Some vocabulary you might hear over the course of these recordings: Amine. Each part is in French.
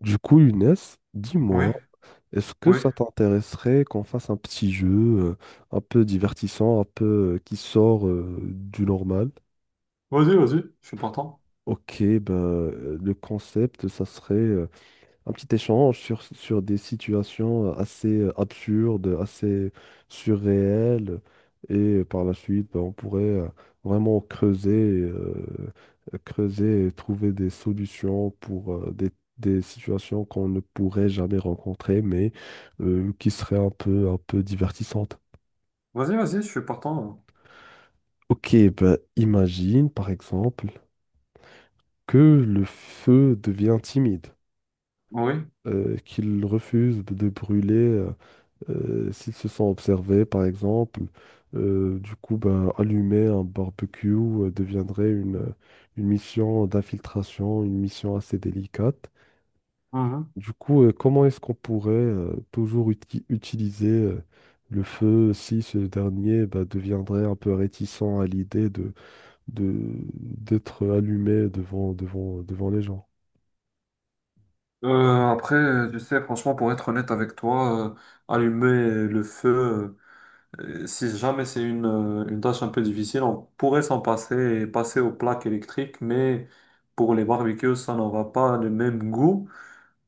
Du coup, Younes, Oui, dis-moi, est-ce que oui. ça t'intéresserait qu'on fasse un petit jeu un peu divertissant, un peu qui sort du normal? Vas-y, vas-y, je suis partant. Ok, ben, le concept, ça serait un petit échange sur des situations assez absurdes, assez surréelles. Et par la suite, ben, on pourrait vraiment creuser, creuser et trouver des solutions pour des situations qu'on ne pourrait jamais rencontrer, mais qui seraient un peu divertissantes. Vas-y, vas-y, je suis partant. Ok, ben, imagine par exemple que le feu devient timide, Oui. Qu'il refuse de brûler s'ils se sont observés, par exemple. Du coup, ben, allumer un barbecue deviendrait une mission d'infiltration, une mission assez délicate. Mhm. Du coup, comment est-ce qu'on pourrait toujours utiliser le feu si ce dernier ben, deviendrait un peu réticent à l'idée d'être allumé devant les gens? Après, tu sais, franchement, pour être honnête avec toi, allumer le feu, si jamais c'est une tâche un peu difficile, on pourrait s'en passer et passer aux plaques électriques, mais pour les barbecues, ça n'aura pas le même goût.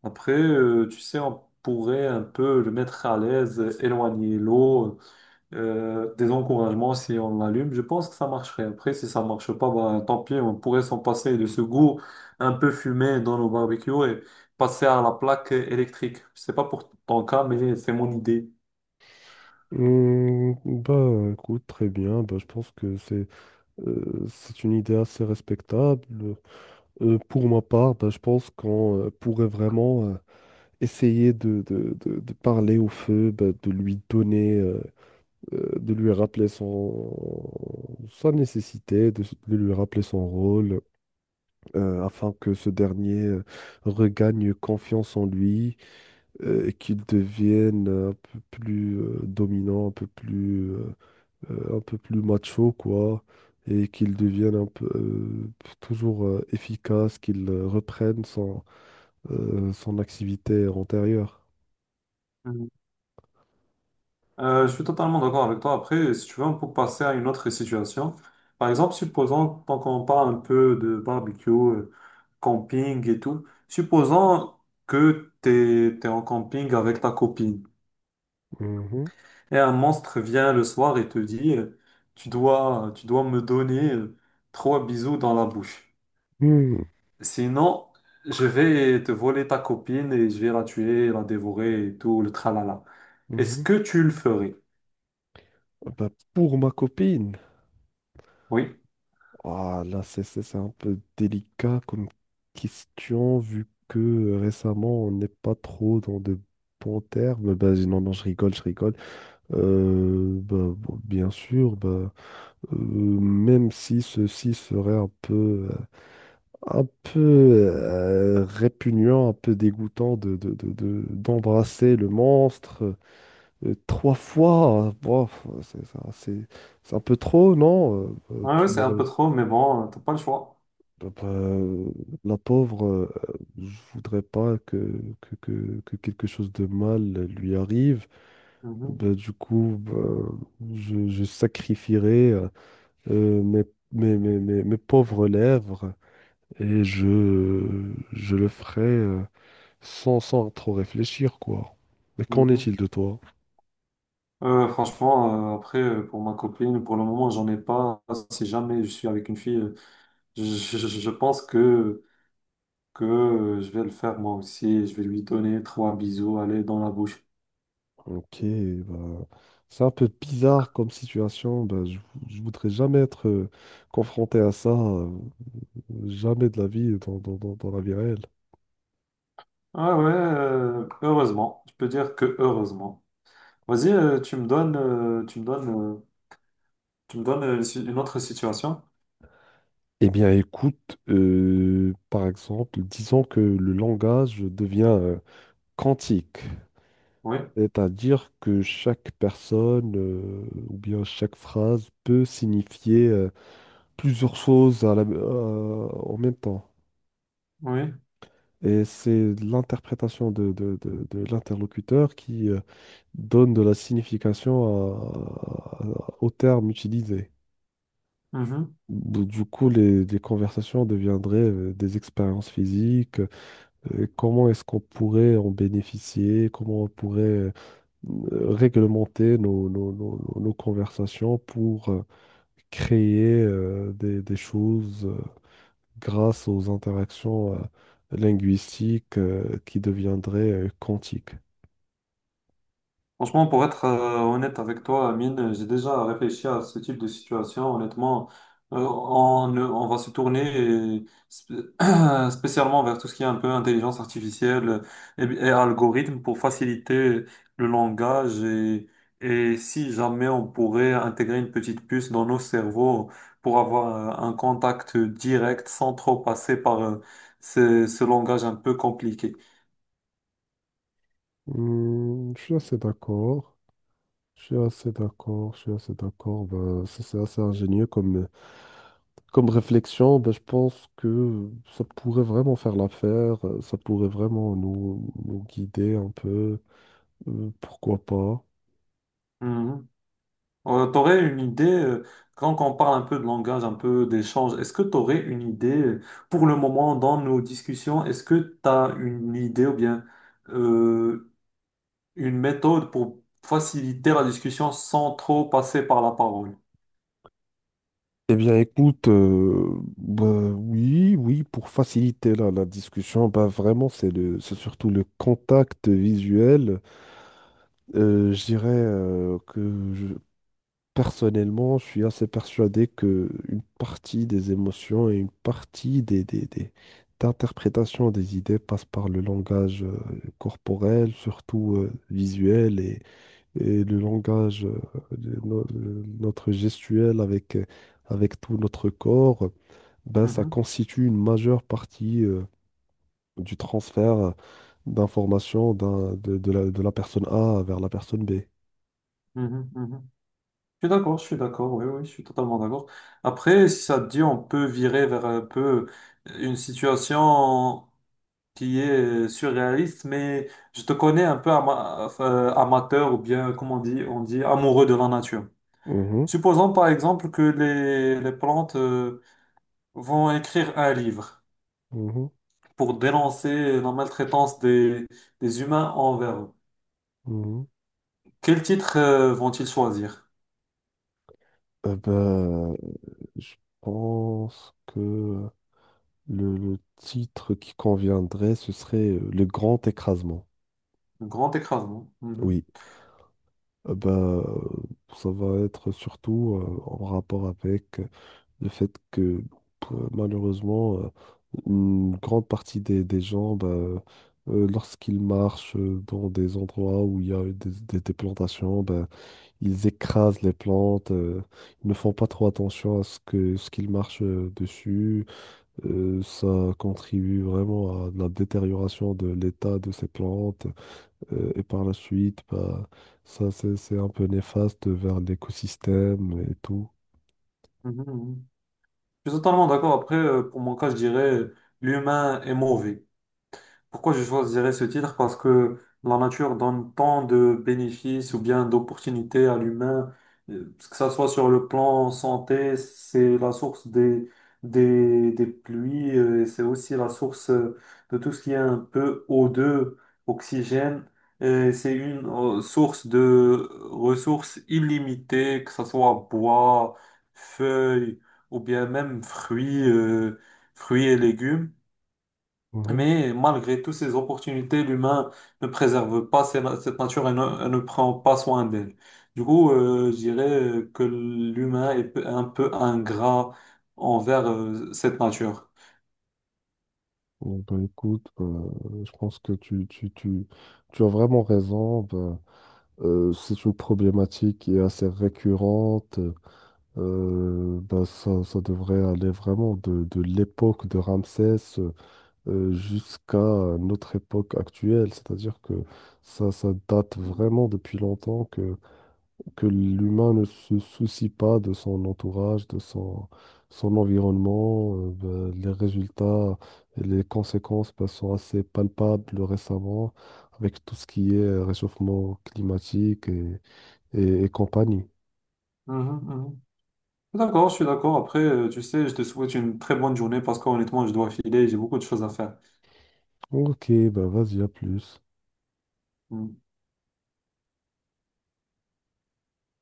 Après, tu sais, on pourrait un peu le mettre à l'aise, éloigner l'eau, des encouragements si on l'allume. Je pense que ça marcherait. Après, si ça marche pas, bah, tant pis, on pourrait s'en passer de ce goût un peu fumé dans nos barbecues et passer à la plaque électrique. Je sais pas pour ton cas, mais c'est mon idée. Hmm, bah écoute, très bien. Bah, je pense que c'est une idée assez respectable. Pour ma part, ben, je pense qu'on pourrait vraiment essayer de parler au feu, ben, de lui donner, de lui rappeler son, sa nécessité, de lui rappeler son rôle, afin que ce dernier regagne confiance en lui, et qu'il devienne un peu plus dominant, un peu plus, un peu plus macho, quoi et qu'il devienne un peu toujours efficace, qu'il reprenne son, son activité antérieure. Mhm. Je suis totalement d'accord avec toi. Après, si tu veux, on peut passer à une autre situation. Par exemple, supposons, tant qu'on parle un peu de barbecue, camping et tout, supposons que tu es en camping avec ta copine. Mhm. Et un monstre vient le soir et te dit, tu dois me donner trois bisous dans la bouche. Mhm. Sinon, je vais te voler ta copine et je vais la tuer, la dévorer et tout, le tralala. Est-ce Mhm. que tu le ferais? Bah, pour ma copine, Oui. ah, là c'est un peu délicat comme question vu que récemment on n'est pas trop dans de bons termes. Bah, non, non, je rigole, je rigole. Bon, bien sûr, bah, même si ceci serait un peu répugnant, un peu dégoûtant d'embrasser le monstre. Trois fois, bof, c'est ça- c'est- assez- c'est un peu trop, non? Ouais, ouais, Tu c'est un m'aurais. peu trop, mais bon, t'as pas le choix. Bah, bah, euh, la pauvre, je voudrais pas que, que quelque chose de mal lui arrive. Mhm, Bah, du coup, bah, je sacrifierai euh, mes, mes pauvres lèvres et je le ferai sans trop réfléchir, quoi. Mais qu'en mhm. est-il de toi? Franchement, pour ma copine, pour le moment, j'en ai pas. Si jamais je suis avec une fille, je, je pense que, que je vais le faire moi aussi. Je vais lui donner trois bisous, aller dans la bouche. Ok, bah, c'est un peu bizarre comme situation. Bah, je voudrais jamais être confronté à ça, jamais de la vie dans la vie réelle. Ah ouais, heureusement. Je peux dire que heureusement. Vas-y, tu me donnes, tu me donnes, euh, tu me donnes une autre situation. Eh bien, écoute, par exemple, disons que le langage devient quantique, Oui, c'est-à-dire que chaque personne ou bien chaque phrase peut signifier plusieurs choses en même temps. oui. Et c'est l'interprétation de l'interlocuteur qui donne de la signification aux termes utilisés. Mhm. Du coup, les conversations deviendraient des expériences physiques. Comment est-ce qu'on pourrait en bénéficier? Comment on pourrait réglementer nos conversations pour créer des choses grâce aux interactions linguistiques qui deviendraient quantiques. Franchement, pour être honnête avec toi, Amine, j'ai déjà réfléchi à ce type de situation. Honnêtement, on va se tourner et spé- spécialement vers tout ce qui est un peu intelligence artificielle et algorithme pour faciliter le langage. Et si jamais on pourrait intégrer une petite puce dans nos cerveaux pour avoir un contact direct sans trop passer par ce langage un peu compliqué. Hmm, je suis assez d'accord. Je suis assez d'accord, je suis assez d'accord. Ben, ça, c'est assez ingénieux comme, comme réflexion. Ben, je pense que ça pourrait vraiment faire l'affaire, ça pourrait vraiment nous guider un peu. Pourquoi pas? Mmh. T'aurais une idée, quand on parle un peu de langage, un peu d'échange, est-ce que t'aurais une idée, pour le moment, dans nos discussions, est-ce que t'as une idée ou bien euh, une méthode pour faciliter la discussion sans trop passer par la parole? Eh bien, écoute, ben, oui, oui, pour faciliter la discussion, ben, vraiment, c'est surtout le contact visuel. Je dirais que Personnellement, je suis assez persuadé que une partie des émotions et une partie d'interprétation des idées passe par le langage corporel, surtout visuel, et le langage, de no- de notre gestuel avec, avec tout notre corps, ben, ça Mhm, constitue une majeure partie du transfert d'informations de, de la personne A vers la personne B. mhm, mhm. Je suis d'accord, oui, oui, je suis totalement d'accord. Après, si ça te dit, on peut virer vers un peu une situation qui est surréaliste, mais je te connais un peu amateur ou bien, comment on dit amoureux de la nature. Mhm, Supposons par exemple que les plantes vont écrire un livre mhm, pour dénoncer la maltraitance des humains envers eux. mhm. Quel titre vont-ils choisir? Euh, ben, Je pense que le titre qui conviendrait, ce serait Le Grand Écrasement. Un grand écrasement. Mhm. Oui, ça va être surtout en rapport avec le fait que malheureusement, une grande partie des gens, bah, lorsqu'ils marchent dans des endroits où il y a eu des plantations, bah, ils écrasent les plantes, ils ne font pas trop attention à ce que, ce qu'ils marchent dessus. Ça contribue vraiment à la détérioration de l'état de ces plantes et par la suite, bah, ça c'est un peu néfaste vers l'écosystème et tout. Mhm, mhm. Je suis totalement d'accord. Après, pour mon cas, je dirais l'humain est mauvais. Pourquoi je choisirais ce titre? Parce que la nature donne tant de bénéfices ou bien d'opportunités à l'humain, que ça soit sur le plan santé, c'est la source des pluies, et c'est aussi la source de tout ce qui est un peu O2, oxygène. Et c'est une source de ressources illimitées, que ce soit bois, feuilles ou bien même fruits, fruits et légumes. Mhm. Mais malgré toutes ces opportunités, l'humain ne préserve pas cette nature et ne prend pas soin d'elle. Du coup, je dirais que l'humain est un peu ingrat envers cette nature. Bon, bah, écoute, bah, je pense que tu as vraiment raison. Bah, c'est une problématique qui est assez récurrente. Ça devrait aller vraiment de l'époque de Ramsès jusqu'à notre époque actuelle. C'est-à-dire que ça date vraiment depuis longtemps que l'humain ne se soucie pas de son entourage, de son, son environnement. Les résultats et les conséquences ben, sont assez palpables récemment avec tout ce qui est réchauffement climatique et compagnie. Mhm, mhm. D'accord, je suis d'accord. Après, tu sais, je te souhaite une très bonne journée parce qu'honnêtement, je dois filer, j'ai beaucoup de choses à faire. Ok, ben vas-y, à plus. Mhm.